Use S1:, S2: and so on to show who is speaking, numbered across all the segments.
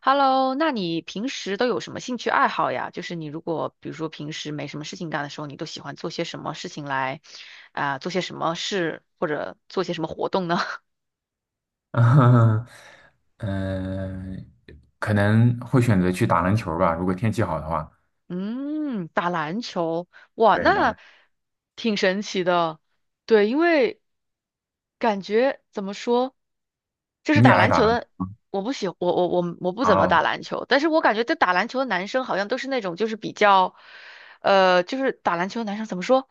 S1: Hello，那你平时都有什么兴趣爱好呀？就是你如果比如说平时没什么事情干的时候，你都喜欢做些什么事情来，做些什么事或者做些什么活动呢？
S2: 嗯，嗯，可能会选择去打篮球吧，如果天气好的话。
S1: 嗯，打篮球，哇，
S2: 对，
S1: 那挺神奇的。对，因为感觉怎么说，就是
S2: 你也
S1: 打
S2: 爱
S1: 篮
S2: 打
S1: 球
S2: 篮
S1: 的，
S2: 球
S1: 我不喜，我不怎么打
S2: 啊？
S1: 篮球，但是我感觉这打篮球的男生好像都是那种就是比较，就是打篮球的男生怎么说，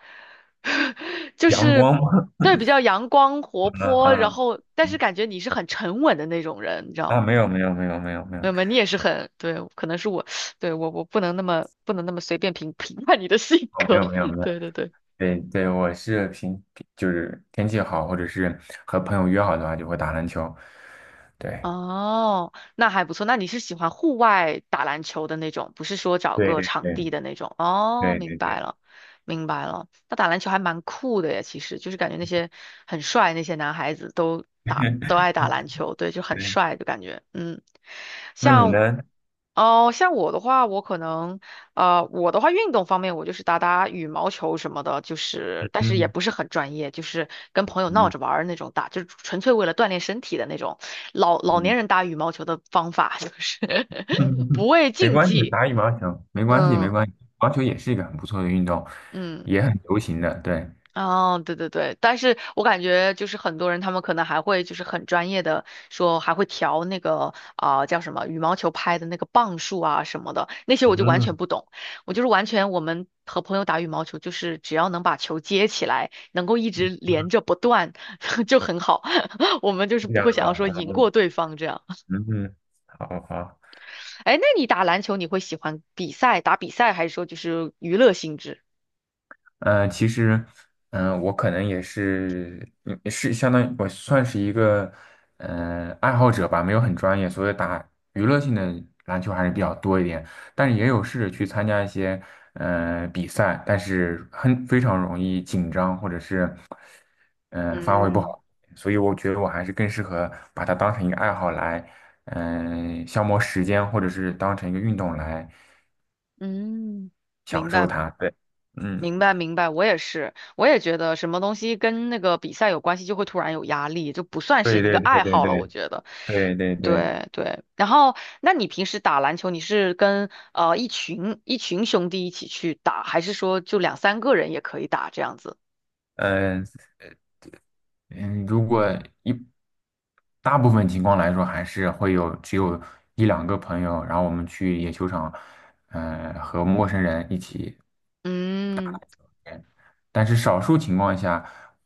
S1: 就
S2: 阳
S1: 是
S2: 光吗？
S1: 对比较阳光活
S2: 啊
S1: 泼，然
S2: 啊
S1: 后但是
S2: 嗯
S1: 感觉你是很沉稳的那种人，你知道吗？
S2: 啊！没有没有没有没有没
S1: 没
S2: 有，
S1: 有没有你也是很，对，可能是我，对，我我不能那么随便评 评判你的性
S2: 哦，没
S1: 格，
S2: 有没有 没有，
S1: 对对对，
S2: 对对，我是平就是天气好，或者是和朋友约好的话，就会打篮球。对，
S1: 哦，那还不错，那你是喜欢户外打篮球的那种，不是说找
S2: 对
S1: 个
S2: 对
S1: 场
S2: 对
S1: 地的那种，哦，
S2: 对
S1: 明
S2: 对
S1: 白
S2: 对
S1: 了，明白了，那打篮球还蛮酷的呀，其实就是感觉那些很帅那些男孩子都爱 打篮球，对，就很
S2: 对，
S1: 帅的感觉，嗯，
S2: 那你
S1: 像。
S2: 呢？
S1: 哦，像我的话，我可能，我的话，运动方面我就是打打羽毛球什么的，就是但是也
S2: 嗯
S1: 不是很专业，就是跟朋友闹着
S2: 嗯
S1: 玩儿那种打，就是纯粹为了锻炼身体的那种。老老
S2: 嗯。
S1: 年人打羽毛球的方法就是 不
S2: 嗯，
S1: 畏
S2: 没
S1: 竞
S2: 关系，
S1: 技，
S2: 打羽毛球没关系，没
S1: 嗯
S2: 关系，羽毛球也是一个很不错的运动，
S1: 嗯。
S2: 也很流行的。对，
S1: 哦，对对对，但是我感觉就是很多人他们可能还会就是很专业的说还会调那个叫什么羽毛球拍的那个磅数啊什么的，那些我就完
S2: 嗯，
S1: 全不懂，我就是完全我们和朋友打羽毛球就是只要能把球接起来，能够一直连着不断 就很好，我们就是
S2: 这
S1: 不
S2: 样
S1: 会想要
S2: 啊，
S1: 说赢过对方这样。
S2: 嗯好好，
S1: 哎，那你打篮球你会喜欢比赛打比赛，还是说就是娱乐性质？
S2: 其实，我可能也是，是相当于我算是一个，爱好者吧，没有很专业，所以打娱乐性的篮球还是比较多一点，但是也有试着去参加一些，比赛，但是很非常容易紧张，或者是。发挥不
S1: 嗯，
S2: 好，所以我觉得我还是更适合把它当成一个爱好来，消磨时间，或者是当成一个运动来
S1: 嗯，
S2: 享
S1: 明
S2: 受
S1: 白。
S2: 它。对，嗯，
S1: 明白明白，我也是，我也觉得什么东西跟那个比赛有关系，就会突然有压力，就不算是
S2: 对
S1: 一个
S2: 对对
S1: 爱
S2: 对
S1: 好了，
S2: 对
S1: 我觉得。
S2: 对对对，
S1: 对对，然后那你平时打篮球，你是跟一群兄弟一起去打，还是说就两三个人也可以打这样子？
S2: 嗯、嗯，如果一大部分情况来说，还是只有一两个朋友，然后我们去野球场，和陌生人一起。
S1: 嗯
S2: 但是少数情况下，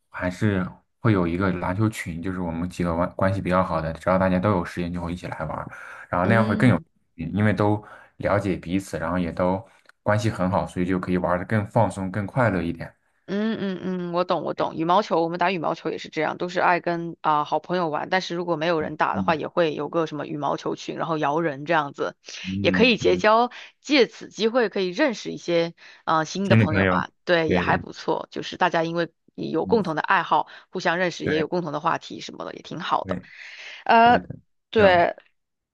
S2: 还是会有一个篮球群，就是我们几个关系比较好的，只要大家都有时间就会一起来玩儿然后那样会更有
S1: 嗯。
S2: 意义因为都了解彼此，然后也都关系很好，所以就可以玩的更放松、更快乐一点。
S1: 嗯嗯嗯，我懂我懂，
S2: 哎
S1: 羽毛球我们打羽毛球也是这样，都是爱跟好朋友玩，但是如果没有人打的话，
S2: 嗯
S1: 也会有个什么羽毛球群，然后摇人这样子，也可
S2: 嗯
S1: 以结
S2: 嗯，
S1: 交，借此机会可以认识一些新的
S2: 新的
S1: 朋
S2: 朋
S1: 友
S2: 友，
S1: 吧，对，也
S2: 对
S1: 还
S2: 对，
S1: 不错，就是大家因为有共同
S2: 嗯
S1: 的爱好，互相认识，也有
S2: 对
S1: 共同的话题什么的，也挺好的。
S2: 对对
S1: 呃，
S2: 的，这样
S1: 对，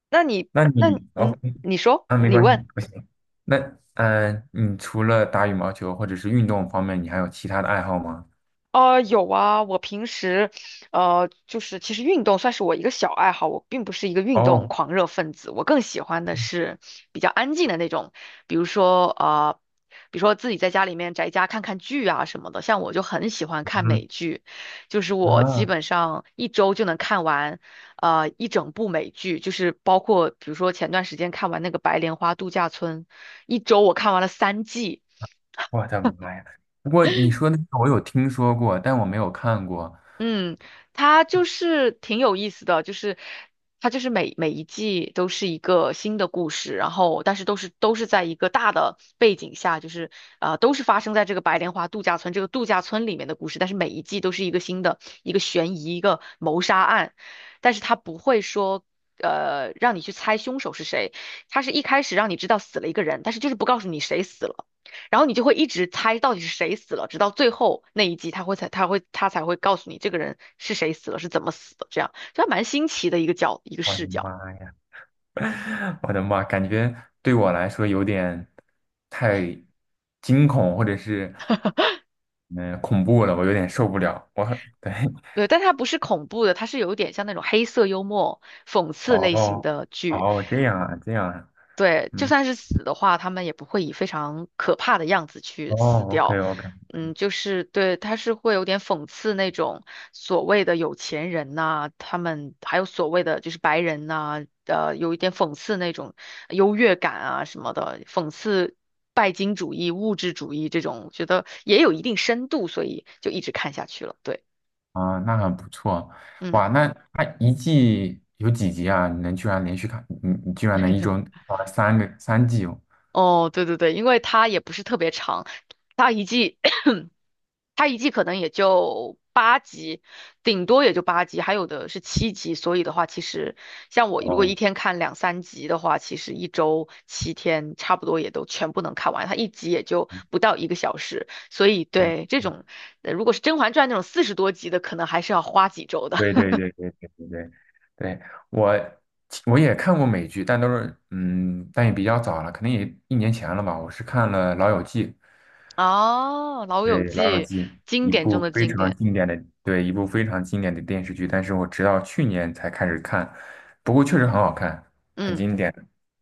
S1: 那你
S2: 那
S1: 那你
S2: 你
S1: 嗯，
S2: OK
S1: 你说，
S2: 啊，没
S1: 你
S2: 关
S1: 问。
S2: 系，不行。那你除了打羽毛球或者是运动方面，你还有其他的爱好吗？
S1: 呃，有啊，我平时，就是其实运动算是我一个小爱好，我并不是一个运动
S2: 哦，
S1: 狂热分子，我更喜欢的是比较安静的那种，比如说比如说自己在家里面宅家看看剧啊什么的，像我就很喜欢看美
S2: 嗯
S1: 剧，就是我基
S2: 啊，
S1: 本上一周就能看完，一整部美剧，就是包括比如说前段时间看完那个《白莲花度假村》，一周我看完了三季。
S2: 我的妈呀！不过你说那个我有听说过，但我没有看过。
S1: 嗯，它就是挺有意思的，就是它就是每每一季都是一个新的故事，然后但是都是在一个大的背景下，就是都是发生在这个白莲花度假村这个度假村里面的故事，但是每一季都是一个新的一个悬疑一个谋杀案，但是它不会说让你去猜凶手是谁，它是一开始让你知道死了一个人，但是就是不告诉你谁死了。然后你就会一直猜到底是谁死了，直到最后那一集他会才他会他才会告诉你这个人是谁死了，是怎么死的，这样，这还蛮新奇的一个
S2: 我
S1: 视
S2: 的
S1: 角。
S2: 妈呀！我的妈，感觉对我来说有点太惊恐，或者是恐怖了，我有点受不了。我很对
S1: 对，但它不是恐怖的，它是有一点像那种黑色幽默、讽 刺类型
S2: 哦
S1: 的剧。
S2: 哦，这样啊，这样啊，
S1: 对，就
S2: 嗯，
S1: 算是死的话，他们也不会以非常可怕的样子去
S2: 哦
S1: 死
S2: ，OK
S1: 掉。
S2: OK，
S1: 嗯，就是对，他是会有点讽刺那种所谓的有钱人呐、他们还有所谓的就是白人呐、有一点讽刺那种优越感啊什么的，讽刺拜金主义、物质主义这种，觉得也有一定深度，所以就一直看下去了。对，
S2: 啊，那很不错，
S1: 嗯，
S2: 哇，那它一季有几集啊？你能居然连续看，你居然能一周啊三季哦，
S1: 哦，对对对，因为它也不是特别长，它一季。它一季可能也就八集，顶多也就八集，还有的是七集。所以的话，其实像我如果
S2: 哦。
S1: 一天看两三集的话，其实一周七天差不多也都全部能看完。它一集也就不到一个小时，所以
S2: 嗯
S1: 对这种，如果是《甄嬛传》那种四十多集的，可能还是要花几周的。
S2: 对对 对对对对对，对我我也看过美剧，但都是但也比较早了，可能也一年前了吧。我是看了《老友记》，
S1: 哦，《老友
S2: 对《老友
S1: 记》
S2: 记》
S1: 经
S2: 一
S1: 典中
S2: 部
S1: 的
S2: 非
S1: 经
S2: 常
S1: 典，
S2: 经典的，对一部非常经典的电视剧，但是我直到去年才开始看，不过确实很好看，很
S1: 嗯。
S2: 经典。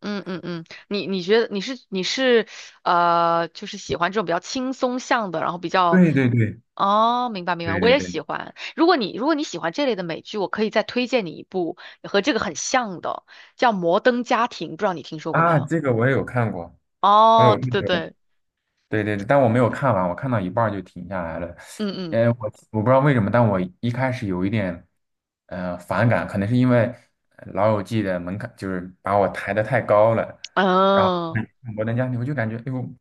S1: 嗯嗯嗯，你觉得你是就是喜欢这种比较轻松向的，然后比较
S2: 对对对
S1: 哦，明白明白，
S2: 对
S1: 我
S2: 对
S1: 也
S2: 对
S1: 喜欢。如果你喜欢这类的美剧，我可以再推荐你一部和这个很像的，叫《摩登家庭》，不知道你听说过没
S2: 啊，
S1: 有？
S2: 这个我也有看过，我
S1: 哦，
S2: 有
S1: 对对 对，
S2: 对对对，但我没有看完，我看到一半儿就停下来了。
S1: 嗯嗯，
S2: 呃，我我不知道为什么，但我一开始有一点。反感，可能是因为老友记》的门槛就是把我抬得太高了，然后
S1: 嗯
S2: 看看摩登家庭》我就感觉，哎呦，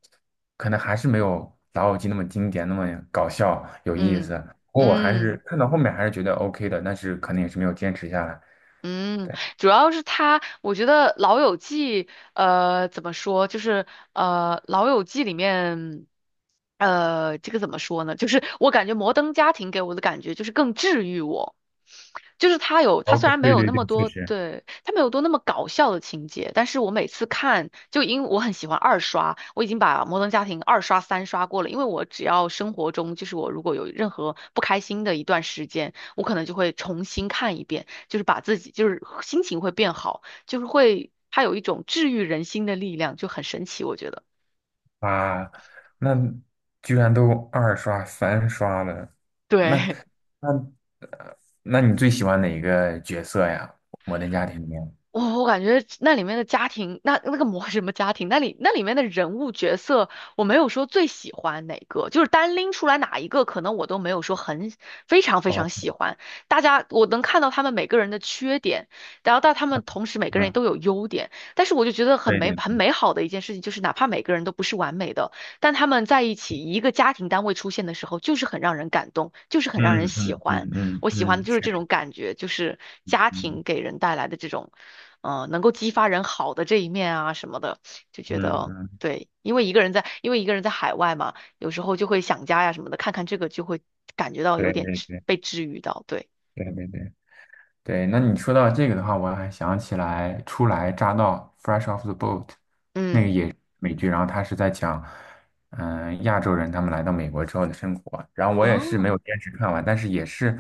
S2: 可能还是没有《老友记》那么经典，那么搞笑有意
S1: 嗯
S2: 思。不过我还是
S1: 嗯。
S2: 看到后面还是觉得 OK 的，但是可能也是没有坚持下来。
S1: 嗯，
S2: 对
S1: 主要是他，我觉得《老友记》怎么说，就是《老友记》里面，这个怎么说呢？就是我感觉《摩登家庭》给我的感觉就是更治愈我，就是他虽
S2: ，OK，
S1: 然没
S2: 对
S1: 有那
S2: 对对，
S1: 么
S2: 确
S1: 多，
S2: 实
S1: 对，他没有多那么搞笑的情节，但是我每次看，就因为我很喜欢二刷，我已经把《摩登家庭》二刷三刷过了，因为我只要生活中就是我如果有任何不开心的一段时间，我可能就会重新看一遍。就是把自己就是心情会变好，就是会它有一种治愈人心的力量，就很神奇，我觉得。
S2: 啊，那居然都二刷三刷了，那
S1: 对，
S2: 那那你最喜欢哪一个角色呀？《摩登家庭》里面？
S1: 我感觉那里面的家庭，那个模什么家庭，那里面的人物角色，我没有说最喜欢哪个，就是单拎出来哪一个，可能我都没有说很非常非
S2: 哦，
S1: 常喜欢。大家我能看到他们每个人的缺点，然后到他们同时每个人
S2: 嗯，
S1: 都有优点，但是我就觉得很
S2: 对
S1: 美
S2: 对。
S1: 很美好的一件事情，就是哪怕每个人都不是完美的，但他们在一起一个家庭单位出现的时候，就是很让人感动，就是很让
S2: 嗯
S1: 人喜
S2: 嗯嗯
S1: 欢。
S2: 嗯
S1: 我喜欢的
S2: 嗯，
S1: 就是
S2: 确
S1: 这种
S2: 实，
S1: 感觉，就是家庭
S2: 嗯
S1: 给人带来的这种，能够激发人好的这一面啊什么的，就觉
S2: 嗯
S1: 得
S2: 嗯，
S1: 对，因为一个人在海外嘛，有时候就会想家呀什么的，看看这个就会感觉到有
S2: 对
S1: 点
S2: 对对
S1: 被治愈到，对，
S2: 对对对对。那你说到这个的话，我还想起来初来乍到 （Fresh off the boat） 那个
S1: 嗯，
S2: 也是美剧，然后他是在讲，亚洲人他们来到美国之后的生活。然后我也是没
S1: 哦
S2: 有坚持看完，但是也是，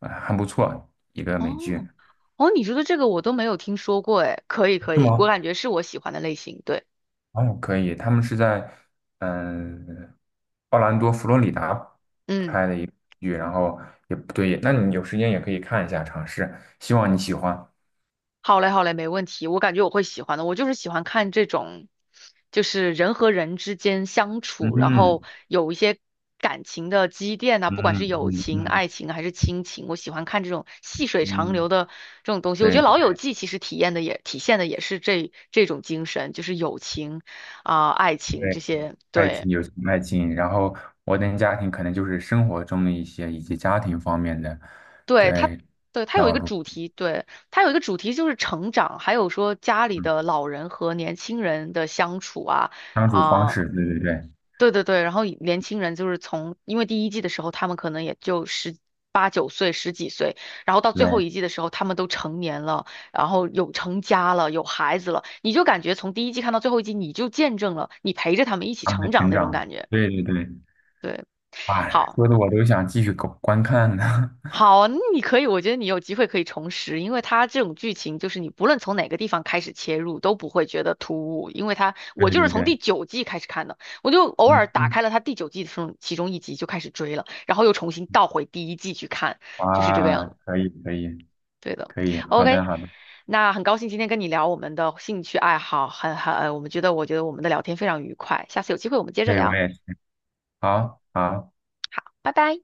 S2: 很不错一个美剧。
S1: 哦哦，你说的这个我都没有听说过，哎，可以可
S2: 是
S1: 以，我
S2: 吗？
S1: 感觉是我喜欢的类型，对，
S2: 哦，可以，他们是在嗯奥兰多、佛罗里达
S1: 嗯。
S2: 拍的一个剧，然后也不对，那你有时间也可以看一下，尝试，希望你喜欢。
S1: 好嘞，好嘞，没问题。我感觉我会喜欢的。我就是喜欢看这种，就是人和人之间相
S2: 嗯
S1: 处，然后
S2: 哼
S1: 有一些感情的积淀呐、不管
S2: 嗯
S1: 是友
S2: 嗯
S1: 情、
S2: 嗯
S1: 爱情还是亲情，我喜欢看这种细水长
S2: 嗯，
S1: 流的这种东西。我觉
S2: 对
S1: 得
S2: 对，
S1: 《老友记》其实体现的也是这种精神，就是友情爱情这
S2: 对，
S1: 些。
S2: 爱
S1: 对，
S2: 情、友情、爱情，然后摩登家庭可能就是生活中的一些以及家庭方面的，
S1: 对，它，
S2: 对，
S1: 对，它有一
S2: 道
S1: 个
S2: 路，
S1: 主题，对。它有一个主题就是成长，还有说家里
S2: 嗯，
S1: 的老人和年轻人的相处啊，
S2: 相处方
S1: 啊、
S2: 式，对对对
S1: 对对对，然后以年轻人就是从，因为第一季的时候他们可能也就十八九岁、十几岁，然后到最后
S2: 对，
S1: 一季的时候他们都成年了，然后有成家了，有孩子了，你就感觉从第一季看到最后一季，你就见证了你陪着他们一起
S2: 他们的
S1: 成长
S2: 成
S1: 那种
S2: 长，
S1: 感觉。
S2: 对对对，
S1: 对，
S2: 哎，
S1: 好。
S2: 说的我都想继续观看呢。
S1: 好，那你可以，我觉得你有机会可以重拾，因为它这种剧情就是你不论从哪个地方开始切入都不会觉得突兀，因为它
S2: 对
S1: 我就是
S2: 对
S1: 从第
S2: 对，
S1: 九季开始看的，我就偶尔
S2: 嗯，
S1: 打
S2: 嗯
S1: 开了它第九季的时候其中一集就开始追了，然后又重新倒回第一季去看，就是这个
S2: 哇，
S1: 样子。
S2: 可以可以
S1: 对的
S2: 可以，好的
S1: ，OK，
S2: 好的，
S1: 那很高兴今天跟你聊我们的兴趣爱好，很很，我们觉得我们的聊天非常愉快，下次有机会我们接着
S2: 对，我
S1: 聊，
S2: 也是，好好。
S1: 拜拜。